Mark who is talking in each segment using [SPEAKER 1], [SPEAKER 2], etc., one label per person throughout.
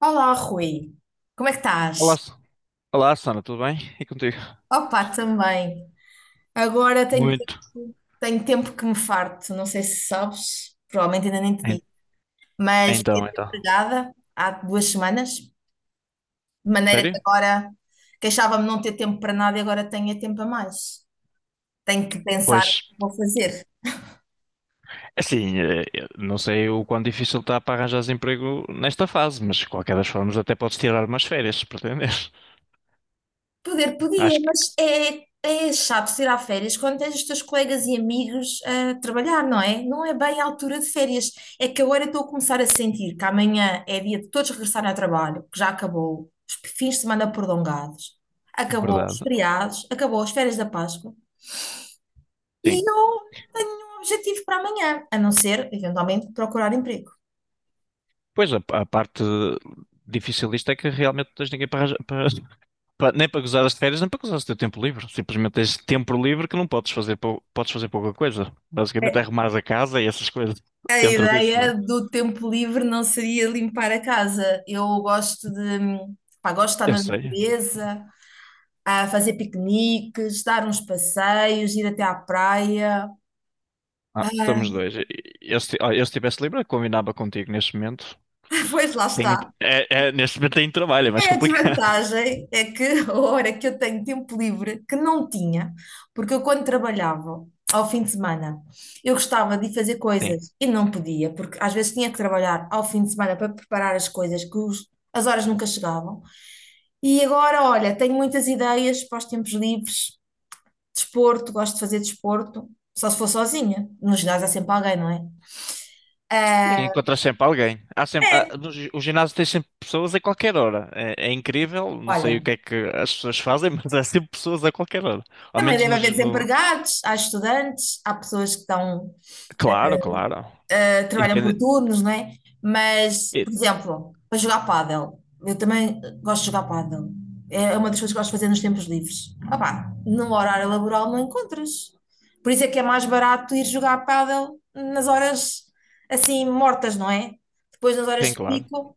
[SPEAKER 1] Olá, Rui. Como é que estás?
[SPEAKER 2] Olá, S- Olá, Sana. Tudo bem? E contigo?
[SPEAKER 1] Opa, também. Agora tenho,
[SPEAKER 2] Muito.
[SPEAKER 1] tenho tempo que me farto. Não sei se sabes, provavelmente ainda nem te
[SPEAKER 2] En-
[SPEAKER 1] digo, mas fiquei
[SPEAKER 2] Então, então.
[SPEAKER 1] desempregada há 2 semanas, de maneira que
[SPEAKER 2] Sério?
[SPEAKER 1] agora queixava-me não ter tempo para nada e agora tenho é tempo a mais. Tenho que pensar o
[SPEAKER 2] Pois,
[SPEAKER 1] que vou fazer.
[SPEAKER 2] é assim, eu não sei o quão difícil está para arranjar emprego nesta fase, mas de qualquer das formas até podes tirar umas férias, se pretenderes.
[SPEAKER 1] Poder podia,
[SPEAKER 2] Acho que,
[SPEAKER 1] mas é chato ir a férias quando tens os teus colegas e amigos a trabalhar, não é? Não é bem a altura de férias. É que agora eu estou a começar a sentir que amanhã é dia de todos regressarem ao trabalho, que já acabou os fins de semana prolongados,
[SPEAKER 2] é
[SPEAKER 1] acabou os
[SPEAKER 2] verdade,
[SPEAKER 1] feriados, acabou as férias da Páscoa e eu
[SPEAKER 2] sim.
[SPEAKER 1] não tenho nenhum objetivo para amanhã, a não ser, eventualmente, procurar emprego.
[SPEAKER 2] Pois, a parte difícil disto é que realmente não tens ninguém nem para gozar as férias, nem para gozar o teu tempo livre. Simplesmente tens tempo livre que não podes fazer, podes fazer pouca coisa. Basicamente é arrumar a casa e essas coisas
[SPEAKER 1] A
[SPEAKER 2] dentro disso, não é?
[SPEAKER 1] ideia do tempo livre não seria limpar a casa. Eu gosto de, pá, gosto de estar
[SPEAKER 2] Eu
[SPEAKER 1] na
[SPEAKER 2] sei.
[SPEAKER 1] natureza, a fazer piqueniques, dar uns passeios, ir até à praia.
[SPEAKER 2] Ah, estamos
[SPEAKER 1] Ah,
[SPEAKER 2] dois. Eu, se- Olha, eu se estivesse livre, eu combinava contigo neste momento.
[SPEAKER 1] pois lá
[SPEAKER 2] Tenho,
[SPEAKER 1] está.
[SPEAKER 2] neste momento tenho trabalho, é mais
[SPEAKER 1] É a
[SPEAKER 2] complicado.
[SPEAKER 1] desvantagem é que a hora que eu tenho tempo livre, que não tinha, porque eu quando trabalhava ao fim de semana, eu gostava de ir fazer
[SPEAKER 2] Sim.
[SPEAKER 1] coisas e não podia, porque às vezes tinha que trabalhar ao fim de semana para preparar as coisas que as horas nunca chegavam. E agora, olha, tenho muitas ideias para os tempos livres, desporto, gosto de fazer desporto, só se for sozinha. No ginásio há sempre alguém, não é?
[SPEAKER 2] Sim,
[SPEAKER 1] Ah,
[SPEAKER 2] encontras sempre alguém. Há sempre, há-
[SPEAKER 1] é,
[SPEAKER 2] no gi- o ginásio tem sempre pessoas a qualquer hora. É incrível, não sei
[SPEAKER 1] olha,
[SPEAKER 2] o que é que as pessoas fazem, mas há sempre pessoas a qualquer hora. Ao
[SPEAKER 1] também
[SPEAKER 2] menos
[SPEAKER 1] deve
[SPEAKER 2] no,
[SPEAKER 1] haver
[SPEAKER 2] gi- no-.
[SPEAKER 1] desempregados, há estudantes, há pessoas que estão,
[SPEAKER 2] Claro, claro.
[SPEAKER 1] ah, trabalham por turnos, não é? Mas,
[SPEAKER 2] E-.
[SPEAKER 1] por exemplo, para jogar pádel, eu também gosto de jogar pádel. É uma das coisas que gosto de fazer nos tempos livres. Ah, opá, no horário laboral não encontras. Por isso é que é mais barato ir jogar pádel nas horas assim mortas, não é? Depois, nas horas
[SPEAKER 2] Bem
[SPEAKER 1] de
[SPEAKER 2] claro.
[SPEAKER 1] pico,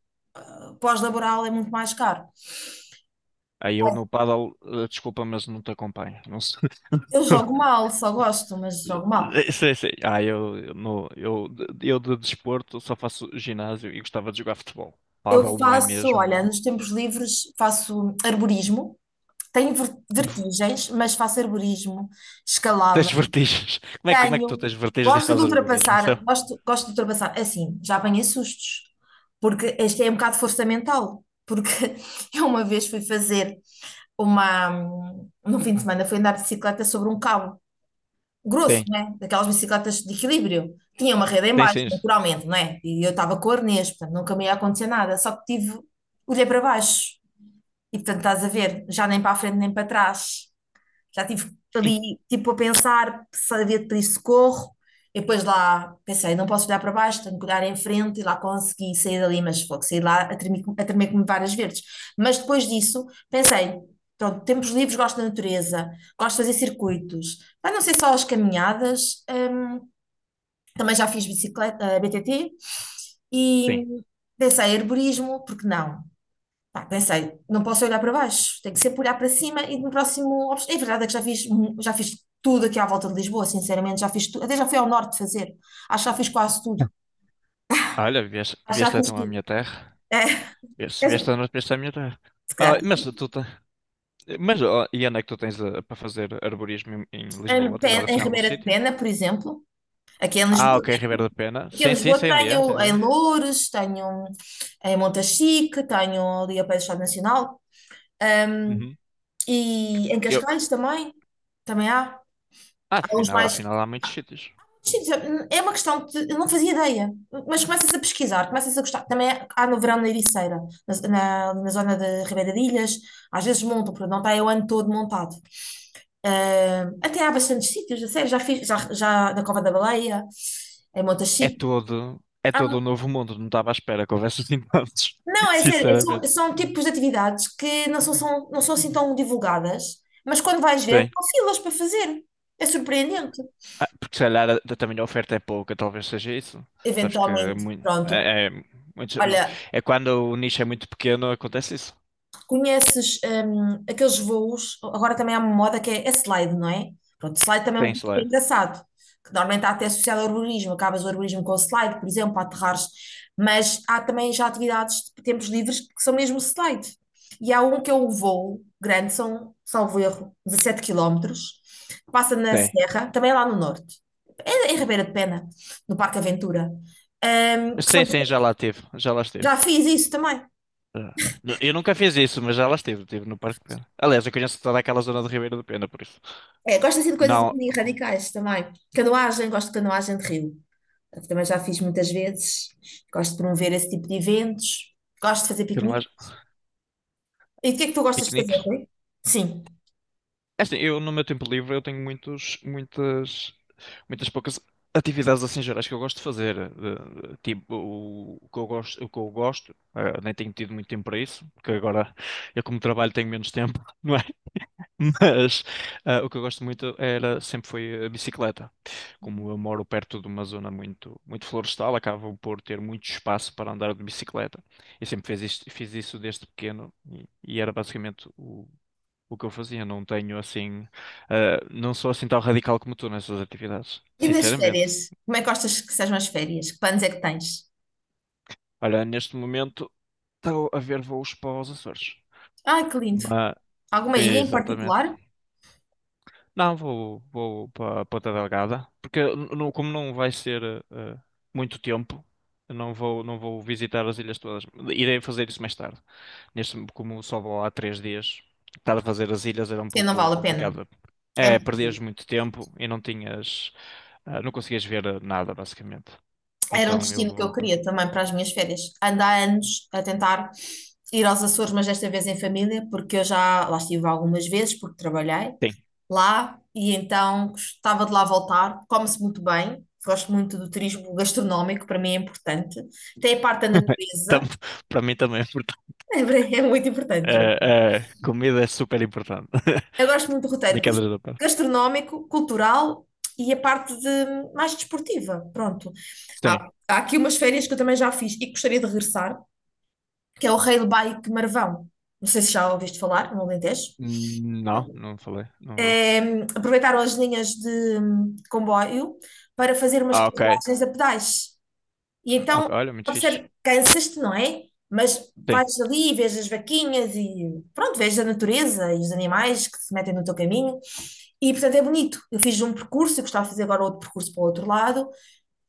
[SPEAKER 1] pós-laboral é muito mais caro.
[SPEAKER 2] Aí eu no paddle, desculpa, mas não te acompanho. Não sei.
[SPEAKER 1] Eu jogo mal, só gosto, mas jogo mal.
[SPEAKER 2] Sei, sei. Ah, eu no, eu de desporto só faço ginásio e gostava de jogar futebol.
[SPEAKER 1] Eu
[SPEAKER 2] Paddle não é
[SPEAKER 1] faço, olha,
[SPEAKER 2] mesmo.
[SPEAKER 1] nos tempos livres faço arborismo. Tenho vertigens, mas faço arborismo, escalada.
[SPEAKER 2] Tens vertigens. Como é que tu
[SPEAKER 1] Tenho.
[SPEAKER 2] tens vertigens e
[SPEAKER 1] Gosto de
[SPEAKER 2] fazes arborismo?
[SPEAKER 1] ultrapassar, gosto de ultrapassar. É assim, já apanhei sustos, porque este é um bocado de força mental. Porque eu uma vez fui fazer uma. Num fim de semana fui andar de bicicleta sobre um cabo grosso,
[SPEAKER 2] Tem,
[SPEAKER 1] né? Daquelas bicicletas de equilíbrio. Tinha uma rede em
[SPEAKER 2] tem
[SPEAKER 1] baixo,
[SPEAKER 2] sim.
[SPEAKER 1] naturalmente, não é? E eu estava com o arnês, portanto, nunca me ia acontecer nada. Só que tive, olhei para baixo e, portanto, estás a ver, já nem para a frente nem para trás. Já estive
[SPEAKER 2] In-.
[SPEAKER 1] ali, tipo, a pensar se havia de pedir socorro. E depois lá pensei, não posso olhar para baixo, tenho que olhar em frente e lá consegui sair dali, mas fogo, saí lá a tremer como várias verdes. Mas depois disso pensei, pronto, tempos livres, gosto da natureza, gosto de fazer circuitos. Mas não ser só as caminhadas, também já fiz bicicleta, BTT e
[SPEAKER 2] Tem.
[SPEAKER 1] pensei, herborismo, porque não? Pá, pensei, não posso olhar para baixo, tenho que sempre olhar para cima e no próximo. É verdade é que já fiz, já fiz tudo aqui à volta de Lisboa, sinceramente, já fiz tudo, até já fui ao norte fazer, acho que já fiz quase tudo,
[SPEAKER 2] Olha, vieste,
[SPEAKER 1] acho que já
[SPEAKER 2] vieste
[SPEAKER 1] fiz
[SPEAKER 2] então à
[SPEAKER 1] tudo.
[SPEAKER 2] minha terra.
[SPEAKER 1] É,
[SPEAKER 2] Vieste,
[SPEAKER 1] se
[SPEAKER 2] vieste à noite, vieste à minha terra. Ah,
[SPEAKER 1] calhar,
[SPEAKER 2] mas ó, e onde é que tu tens para fazer arborismo em,
[SPEAKER 1] em,
[SPEAKER 2] Lisboa? Tens
[SPEAKER 1] Pe- em
[SPEAKER 2] assim algum
[SPEAKER 1] Ribeira de
[SPEAKER 2] sítio?
[SPEAKER 1] Pena, por exemplo, aqui em
[SPEAKER 2] Ah,
[SPEAKER 1] Lisboa,
[SPEAKER 2] ok, Ribeiro da Pena.
[SPEAKER 1] aqui em
[SPEAKER 2] Sim, sim,
[SPEAKER 1] Lisboa
[SPEAKER 2] sei onde é, sei
[SPEAKER 1] tenho
[SPEAKER 2] onde
[SPEAKER 1] em
[SPEAKER 2] é.
[SPEAKER 1] Loures, tenho em Montachique, tenho ali a pé do Estado Nacional
[SPEAKER 2] Uhum.
[SPEAKER 1] e em
[SPEAKER 2] Eu...
[SPEAKER 1] Cascais também, também há,
[SPEAKER 2] Ah,
[SPEAKER 1] há uns
[SPEAKER 2] afinal,
[SPEAKER 1] mais,
[SPEAKER 2] afinal há muitos sítios.
[SPEAKER 1] sim, é uma questão que eu não fazia ideia. Mas começas a pesquisar, começas a gostar. Também há no verão na Ericeira, na zona de Ribeira de Ilhas. Às vezes montam, porque não está aí o ano todo montado. Ah, até há bastantes sítios, a sério. Já fiz, já na Cova da Baleia, em
[SPEAKER 2] É
[SPEAKER 1] Montachique.
[SPEAKER 2] todo, é
[SPEAKER 1] Ah,
[SPEAKER 2] todo um novo mundo, não estava à espera que houvesse assim tantos,
[SPEAKER 1] não, é sério. é- são,
[SPEAKER 2] sinceramente.
[SPEAKER 1] são tipos de atividades que não não são assim tão divulgadas, mas quando vais ver,
[SPEAKER 2] Sim.
[SPEAKER 1] há filas para fazer. É surpreendente.
[SPEAKER 2] Ah, porque se calhar também a oferta é pouca, talvez seja isso. Sabes que é
[SPEAKER 1] Eventualmente,
[SPEAKER 2] muito,
[SPEAKER 1] pronto.
[SPEAKER 2] muitos- mu-
[SPEAKER 1] Olha,
[SPEAKER 2] é quando o nicho é muito pequeno, acontece isso.
[SPEAKER 1] conheces aqueles voos, agora também há uma moda que é slide, não é? Pronto, slide também é uma
[SPEAKER 2] Tem
[SPEAKER 1] coisa que é
[SPEAKER 2] slide.
[SPEAKER 1] engraçado, que normalmente está até associado ao urbanismo, acabas o urbanismo com o slide, por exemplo, para aterrares, mas há também já atividades de tempos livres que são mesmo slide. E há um que é o voo grande, são, salvo erro, 17 quilómetros, passa na
[SPEAKER 2] Tem.
[SPEAKER 1] Serra, também é lá no norte, é em Ribeira de Pena, no Parque Aventura. Hum, que são-
[SPEAKER 2] Sim, sim, já lá teve, já lá esteve.
[SPEAKER 1] já fiz isso também.
[SPEAKER 2] Já. Eu nunca fiz isso, mas já lá esteve, estive no Parque de Pena. Aliás, eu conheço toda aquela zona do Ribeiro do Pena, por isso.
[SPEAKER 1] É, gosto assim de coisas um
[SPEAKER 2] Não,
[SPEAKER 1] bocadinho radicais também. Canoagem, gosto de canoagem de rio. Também já fiz muitas vezes. Gosto de promover esse tipo de eventos. Gosto de fazer
[SPEAKER 2] eu não
[SPEAKER 1] piquenique.
[SPEAKER 2] acho
[SPEAKER 1] E o que é que tu gostas de fazer,
[SPEAKER 2] piqueniques.
[SPEAKER 1] Rui? Sim.
[SPEAKER 2] É assim, eu no meu tempo livre eu tenho muitos, muitas, muitas poucas atividades assim gerais que eu gosto de fazer. Tipo, o que eu gosto, nem tenho tido muito tempo para isso, porque agora eu como trabalho tenho menos tempo, não é? Mas o que eu gosto muito era sempre foi a bicicleta. Como eu moro perto de uma zona muito muito florestal, acabo por ter muito espaço para andar de bicicleta. Eu sempre fiz isto, fiz isso desde pequeno e era basicamente o que eu fazia. Não tenho assim, não sou assim tão radical como tu nessas atividades,
[SPEAKER 1] E nas férias?
[SPEAKER 2] sinceramente.
[SPEAKER 1] Como é que gostas que sejam as férias? Que planos é que tens?
[SPEAKER 2] Olha, neste momento estou a ver voos para os Açores.
[SPEAKER 1] Ai, que lindo.
[SPEAKER 2] Mas,
[SPEAKER 1] Alguma ilha em
[SPEAKER 2] exatamente.
[SPEAKER 1] particular?
[SPEAKER 2] Não, vou para Ponta Delgada, porque como não vai ser eh, muito tempo, eu não vou visitar as ilhas todas. Irei fazer isso mais tarde. Neste, como só vou há 3 dias, estar a fazer as ilhas era um
[SPEAKER 1] Sim, não
[SPEAKER 2] pouco
[SPEAKER 1] vale a pena.
[SPEAKER 2] complicado.
[SPEAKER 1] É
[SPEAKER 2] É,
[SPEAKER 1] muito
[SPEAKER 2] perdias
[SPEAKER 1] lindo.
[SPEAKER 2] muito tempo e não tinhas, não conseguias ver nada, basicamente.
[SPEAKER 1] Era um
[SPEAKER 2] Então eu
[SPEAKER 1] destino que eu
[SPEAKER 2] vou. Pass-.
[SPEAKER 1] queria também para as minhas férias. Ando há anos a tentar ir aos Açores, mas desta vez em família, porque eu já lá estive algumas vezes, porque trabalhei
[SPEAKER 2] Sim.
[SPEAKER 1] lá e então gostava de lá voltar. Come-se muito bem, gosto muito do turismo gastronómico, para mim é importante. Tem a parte da
[SPEAKER 2] Tam-
[SPEAKER 1] natureza,
[SPEAKER 2] Para mim também é importante.
[SPEAKER 1] é, é muito importante.
[SPEAKER 2] Eh, Comida é super importante.
[SPEAKER 1] Eu gosto muito do roteiro
[SPEAKER 2] Brincadeiras da parte.
[SPEAKER 1] gastronómico, cultural e a parte de, mais desportiva. Pronto.
[SPEAKER 2] Sim.
[SPEAKER 1] Há aqui umas férias que eu também já fiz e que gostaria de regressar, que é o Rei do Baique Marvão. Não sei se já ouviste falar, no Alentejo.
[SPEAKER 2] Não, não falei, não vi.
[SPEAKER 1] É, aproveitaram as linhas de comboio para fazer umas
[SPEAKER 2] Ah, ok.
[SPEAKER 1] carruagens a pedais. E
[SPEAKER 2] Ok,
[SPEAKER 1] então,
[SPEAKER 2] olha, muito fixe.
[SPEAKER 1] observa, cansas-te, não é? Mas
[SPEAKER 2] Sim.
[SPEAKER 1] vais ali e vês as vaquinhas e pronto, vês a natureza e os animais que se metem no teu caminho. E portanto é bonito. Eu fiz um percurso, eu gostava de fazer agora outro percurso para o outro lado.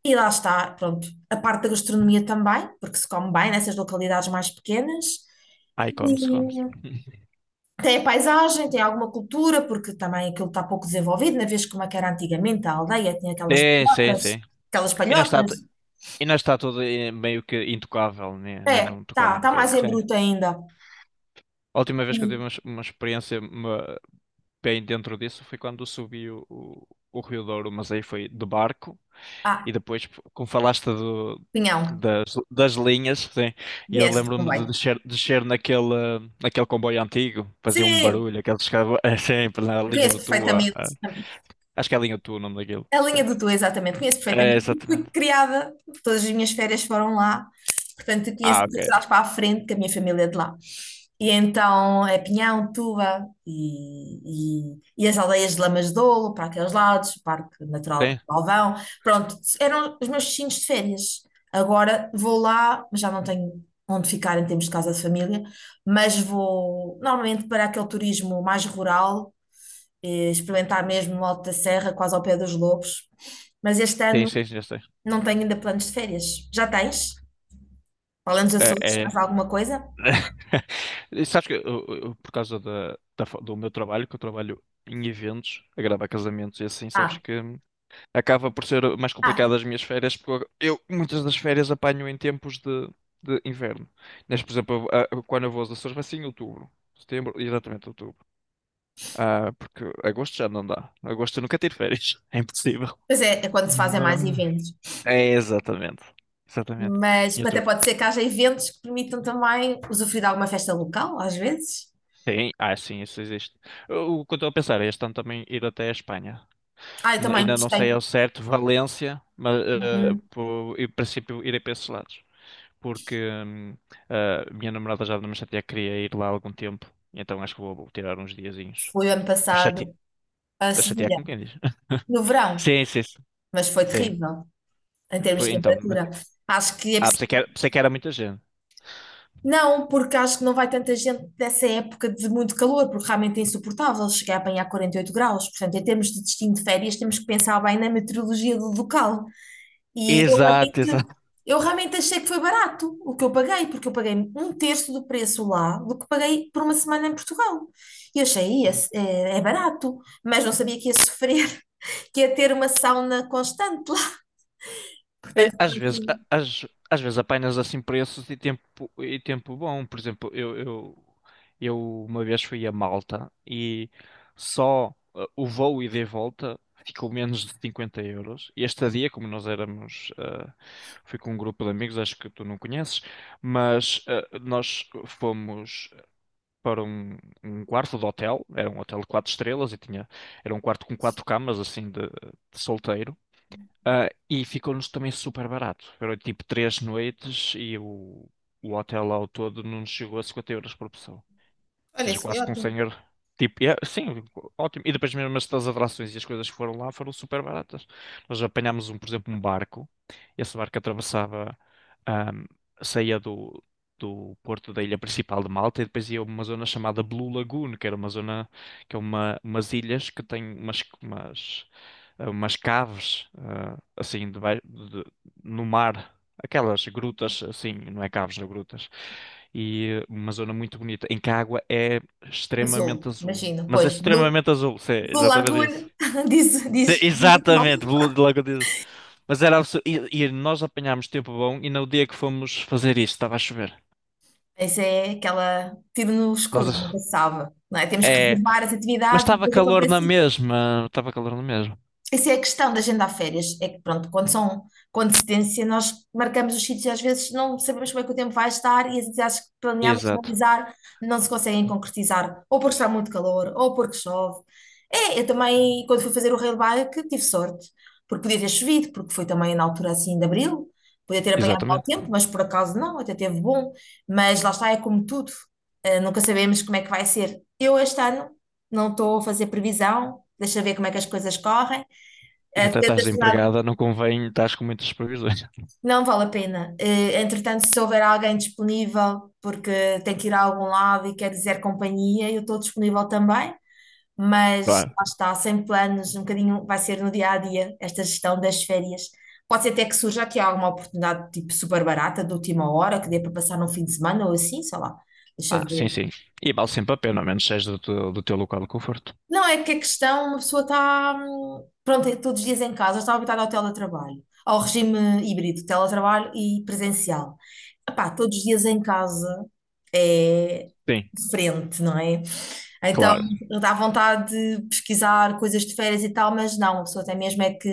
[SPEAKER 1] E lá está, pronto, a parte da gastronomia também, porque se come bem nessas localidades mais pequenas.
[SPEAKER 2] Ai, come-se,
[SPEAKER 1] E
[SPEAKER 2] come-se.
[SPEAKER 1] tem a paisagem, tem alguma cultura, porque também aquilo está pouco desenvolvido, na vez como é que era antigamente a aldeia, tinha aquelas
[SPEAKER 2] Sim, sim,
[SPEAKER 1] palhotas,
[SPEAKER 2] sim.
[SPEAKER 1] aquelas
[SPEAKER 2] E não está,
[SPEAKER 1] palhotas.
[SPEAKER 2] e não está, tudo meio que intocável, né? Não,
[SPEAKER 1] É,
[SPEAKER 2] é
[SPEAKER 1] está
[SPEAKER 2] não tocaram
[SPEAKER 1] tá
[SPEAKER 2] naquilo.
[SPEAKER 1] mais em
[SPEAKER 2] Sim.
[SPEAKER 1] bruto ainda.
[SPEAKER 2] A última vez que eu tive
[SPEAKER 1] Sim.
[SPEAKER 2] uma experiência bem dentro disso foi quando subi o, o Rio Douro, mas aí foi de barco.
[SPEAKER 1] Ah,
[SPEAKER 2] E depois, tipo, como falaste do,
[SPEAKER 1] Pinhão.
[SPEAKER 2] das, das linhas, sim, e eu
[SPEAKER 1] Vieste, não
[SPEAKER 2] lembro-me de
[SPEAKER 1] vai.
[SPEAKER 2] descer naquele comboio antigo, fazia um
[SPEAKER 1] Sim,
[SPEAKER 2] barulho, aqueles que é sempre na
[SPEAKER 1] eu
[SPEAKER 2] linha
[SPEAKER 1] conheço
[SPEAKER 2] do Tua.
[SPEAKER 1] perfeitamente.
[SPEAKER 2] Acho que é a linha do Tua o nome daquilo.
[SPEAKER 1] A
[SPEAKER 2] Sim.
[SPEAKER 1] linha do Tu, exatamente, conheço
[SPEAKER 2] É,
[SPEAKER 1] perfeitamente, fui
[SPEAKER 2] exatamente.
[SPEAKER 1] criada, todas as minhas férias foram lá, portanto, eu conheço
[SPEAKER 2] Ah,
[SPEAKER 1] de
[SPEAKER 2] ok.
[SPEAKER 1] trás para a frente, que a minha família é de lá. E então é Pinhão, Tuba e as aldeias de Lamas de Douro, para aqueles lados, o Parque Natural de
[SPEAKER 2] Sim,
[SPEAKER 1] Galvão. Pronto, eram os meus destinos de férias. Agora vou lá, mas já não tenho onde ficar em termos de casa de família, mas vou normalmente para aquele turismo mais rural, experimentar mesmo o Alto da Serra, quase ao pé dos Lobos. Mas este
[SPEAKER 2] sim,
[SPEAKER 1] ano
[SPEAKER 2] sim, já sei.
[SPEAKER 1] não tenho ainda planos de férias. Já tens? Falando dos
[SPEAKER 2] É,
[SPEAKER 1] Açores, mais
[SPEAKER 2] é.
[SPEAKER 1] alguma coisa?
[SPEAKER 2] E sabes que, por causa do meu trabalho, que eu trabalho em eventos, a gravar casamentos e assim, sabes
[SPEAKER 1] Ah,
[SPEAKER 2] que acaba por ser mais
[SPEAKER 1] ah,
[SPEAKER 2] complicado as minhas férias, porque eu muitas das férias apanho em tempos de inverno. Neste, por exemplo, quando eu vou aos Açores vai ser em outubro, setembro, exatamente outubro. Ah, porque agosto já não dá. Agosto eu nunca tiro férias, é impossível.
[SPEAKER 1] pois é, quando se fazem mais
[SPEAKER 2] Mas...
[SPEAKER 1] eventos.
[SPEAKER 2] É, exatamente. Exatamente. Em
[SPEAKER 1] Mas até
[SPEAKER 2] outubro.
[SPEAKER 1] pode ser que haja eventos que permitam também usufruir de alguma festa local, às vezes.
[SPEAKER 2] Tem, ah, sim, isso existe. O que eu estou a pensar é este ano também ir até a Espanha.
[SPEAKER 1] Ah, eu também
[SPEAKER 2] Ainda não sei
[SPEAKER 1] gostei.
[SPEAKER 2] ao certo Valência, mas
[SPEAKER 1] Uhum.
[SPEAKER 2] em princípio irei para esses lados. Porque a minha namorada já me chateia que queria ir lá há algum tempo, então acho que vou tirar uns diazinhos.
[SPEAKER 1] Fui ano
[SPEAKER 2] A chatear,
[SPEAKER 1] passado a
[SPEAKER 2] a chatear
[SPEAKER 1] Sevilha,
[SPEAKER 2] como quem diz.
[SPEAKER 1] no verão,
[SPEAKER 2] Sim, sim, sim.
[SPEAKER 1] mas foi
[SPEAKER 2] Sim.
[SPEAKER 1] terrível em termos de
[SPEAKER 2] Então, muito...
[SPEAKER 1] temperatura. Acho que é
[SPEAKER 2] pensei que era muita gente.
[SPEAKER 1] Não, porque acho que não vai tanta gente dessa época de muito calor, porque realmente é insuportável chegar a apanhar 48 graus. Portanto, em termos de destino de férias, temos que pensar bem na meteorologia do local. E eu
[SPEAKER 2] Exato,
[SPEAKER 1] realmente,
[SPEAKER 2] exato.
[SPEAKER 1] eu realmente achei que foi barato o que eu paguei, porque eu paguei um terço do preço lá do que paguei por uma semana em Portugal. E eu achei: "É barato, mas não sabia que ia sofrer, que ia ter uma sauna constante lá."
[SPEAKER 2] É,
[SPEAKER 1] Portanto,
[SPEAKER 2] às
[SPEAKER 1] foi
[SPEAKER 2] vezes, a-
[SPEAKER 1] assim.
[SPEAKER 2] às, às vezes apenas assim preços e tempo bom. Por exemplo, eu uma vez fui a Malta e só o voo ida e volta ficou menos de 50 euros. E esta dia, como nós éramos, fui com um grupo de amigos, acho que tu não conheces, mas nós fomos para um, quarto de hotel, era um hotel de 4 estrelas e tinha, era um quarto com 4 camas, assim, de solteiro. Ah, e ficou-nos também super barato. Foram tipo 3 noites e o hotel ao todo não nos chegou a 50€ por pessoa. Ou
[SPEAKER 1] Olha,
[SPEAKER 2] seja,
[SPEAKER 1] isso foi
[SPEAKER 2] quase com um
[SPEAKER 1] ótimo.
[SPEAKER 2] senhor. Tipo, é sim, ótimo. E depois mesmo as das atrações e as coisas que foram lá foram super baratas. Nós apanhámos um, por exemplo, um barco. Esse barco atravessava, ahm, saía do porto da ilha principal de Malta e depois ia a uma zona chamada Blue Lagoon, que era uma zona, que é uma, umas ilhas que têm umas caves, assim, no mar aquelas grutas, assim, não é caves, não grutas. E uma zona muito bonita, em que a água é
[SPEAKER 1] Azul,
[SPEAKER 2] extremamente azul.
[SPEAKER 1] imagino.
[SPEAKER 2] Mas é
[SPEAKER 1] Pois, blue
[SPEAKER 2] extremamente azul, sim,
[SPEAKER 1] do
[SPEAKER 2] exatamente
[SPEAKER 1] Laguna,
[SPEAKER 2] isso.
[SPEAKER 1] diz,
[SPEAKER 2] Sim,
[SPEAKER 1] diz,
[SPEAKER 2] exatamente, de logo diz. Mas era absurdo. E nós apanhámos tempo bom e no dia que fomos fazer isso estava a chover.
[SPEAKER 1] essa é aquela tiro no escuro,
[SPEAKER 2] Nós,
[SPEAKER 1] nunca se salva, não é? Temos que
[SPEAKER 2] é,
[SPEAKER 1] reservar as
[SPEAKER 2] mas
[SPEAKER 1] atividades,
[SPEAKER 2] estava
[SPEAKER 1] depois
[SPEAKER 2] calor na
[SPEAKER 1] acontece.
[SPEAKER 2] mesma, estava calor na mesma.
[SPEAKER 1] Essa é a questão da agenda a férias. É que, pronto, quando são com antecedência, nós marcamos os sítios e às vezes não sabemos como é que o tempo vai estar e as atividades que planeámos
[SPEAKER 2] Exato,
[SPEAKER 1] realizar não se conseguem concretizar, ou porque está muito calor, ou porque chove. É, eu também, quando fui fazer o rail bike, tive sorte, porque podia ter chovido, porque foi também na altura assim de abril, podia ter apanhado mau
[SPEAKER 2] exatamente.
[SPEAKER 1] tempo, mas por acaso não, até teve bom. Mas lá está, é como tudo, nunca sabemos como é que vai ser. Eu este ano não estou a fazer previsão, deixa ver como é que as coisas correm.
[SPEAKER 2] E
[SPEAKER 1] É,
[SPEAKER 2] até
[SPEAKER 1] tenta
[SPEAKER 2] estás
[SPEAKER 1] esse lado.
[SPEAKER 2] desempregada, não convém, estás com muitas previsões.
[SPEAKER 1] Não vale a pena. Entretanto, se houver alguém disponível, porque tem que ir a algum lado e quer dizer companhia, eu estou disponível também, mas lá está, sem planos, um bocadinho vai ser no dia a dia esta gestão das férias. Pode ser até que surja aqui alguma oportunidade tipo super barata, de última hora, que dê para passar num fim de semana ou assim, sei lá. Deixa
[SPEAKER 2] Ah,
[SPEAKER 1] eu ver.
[SPEAKER 2] sim, sim. E vale sempre a pena, a menos seja do teu local de conforto.
[SPEAKER 1] Não, é que a questão, uma pessoa está, pronto, é todos os dias em casa, está habituada ao teletrabalho, ao regime híbrido, teletrabalho e presencial. Epá, todos os dias em casa é
[SPEAKER 2] Sim,
[SPEAKER 1] diferente, não é? Então,
[SPEAKER 2] claro.
[SPEAKER 1] dá vontade de pesquisar coisas de férias e tal, mas não, a pessoa tem mesmo é que.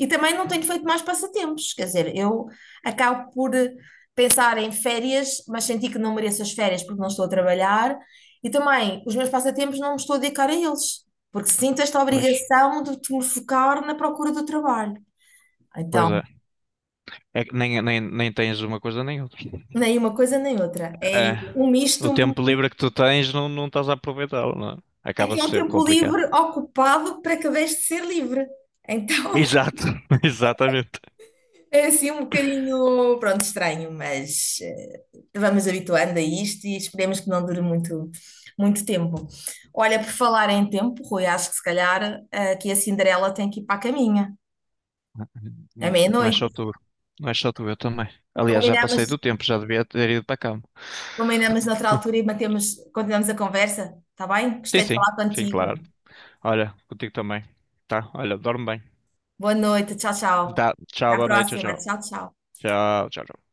[SPEAKER 1] E também não tenho feito mais passatempos, quer dizer, eu acabo por pensar em férias, mas senti que não mereço as férias porque não estou a trabalhar, e também os meus passatempos não me estou a dedicar a eles, porque sinto esta
[SPEAKER 2] Pois,
[SPEAKER 1] obrigação de te me focar na procura do trabalho.
[SPEAKER 2] pois
[SPEAKER 1] Então,
[SPEAKER 2] é. É que nem tens uma coisa nem outra.
[SPEAKER 1] nem uma coisa nem outra. É
[SPEAKER 2] É,
[SPEAKER 1] um misto,
[SPEAKER 2] o tempo livre que tu tens não estás a aproveitá-lo, não é?
[SPEAKER 1] é que é
[SPEAKER 2] Acaba-se
[SPEAKER 1] um
[SPEAKER 2] sempre
[SPEAKER 1] tempo
[SPEAKER 2] complicado.
[SPEAKER 1] livre ocupado para que deixe de ser livre. Então.
[SPEAKER 2] Exato, exatamente.
[SPEAKER 1] É assim um bocadinho, pronto, estranho, mas vamos habituando a isto e esperemos que não dure muito, muito tempo. Olha, por falar em tempo, Rui, acho que se calhar aqui a Cinderela tem que ir para a caminha, é
[SPEAKER 2] Não é só
[SPEAKER 1] meia-noite.
[SPEAKER 2] tu. Não é só tu, eu também. Aliás, já passei
[SPEAKER 1] Combinamos,
[SPEAKER 2] do tempo, já devia ter ido para a cama.
[SPEAKER 1] combinamos noutra altura e mantemos, continuamos a conversa, está bem?
[SPEAKER 2] Sim,
[SPEAKER 1] Gostei de falar
[SPEAKER 2] sim, sim,
[SPEAKER 1] contigo.
[SPEAKER 2] claro. Olha, contigo também. Tá? Olha, dorme bem.
[SPEAKER 1] Boa noite, tchau, tchau.
[SPEAKER 2] Tá,
[SPEAKER 1] Até
[SPEAKER 2] tchau,
[SPEAKER 1] à
[SPEAKER 2] boa noite,
[SPEAKER 1] próxima,
[SPEAKER 2] tchau, tchau.
[SPEAKER 1] tchau, tchau.
[SPEAKER 2] Tchau, tchau. Tchau.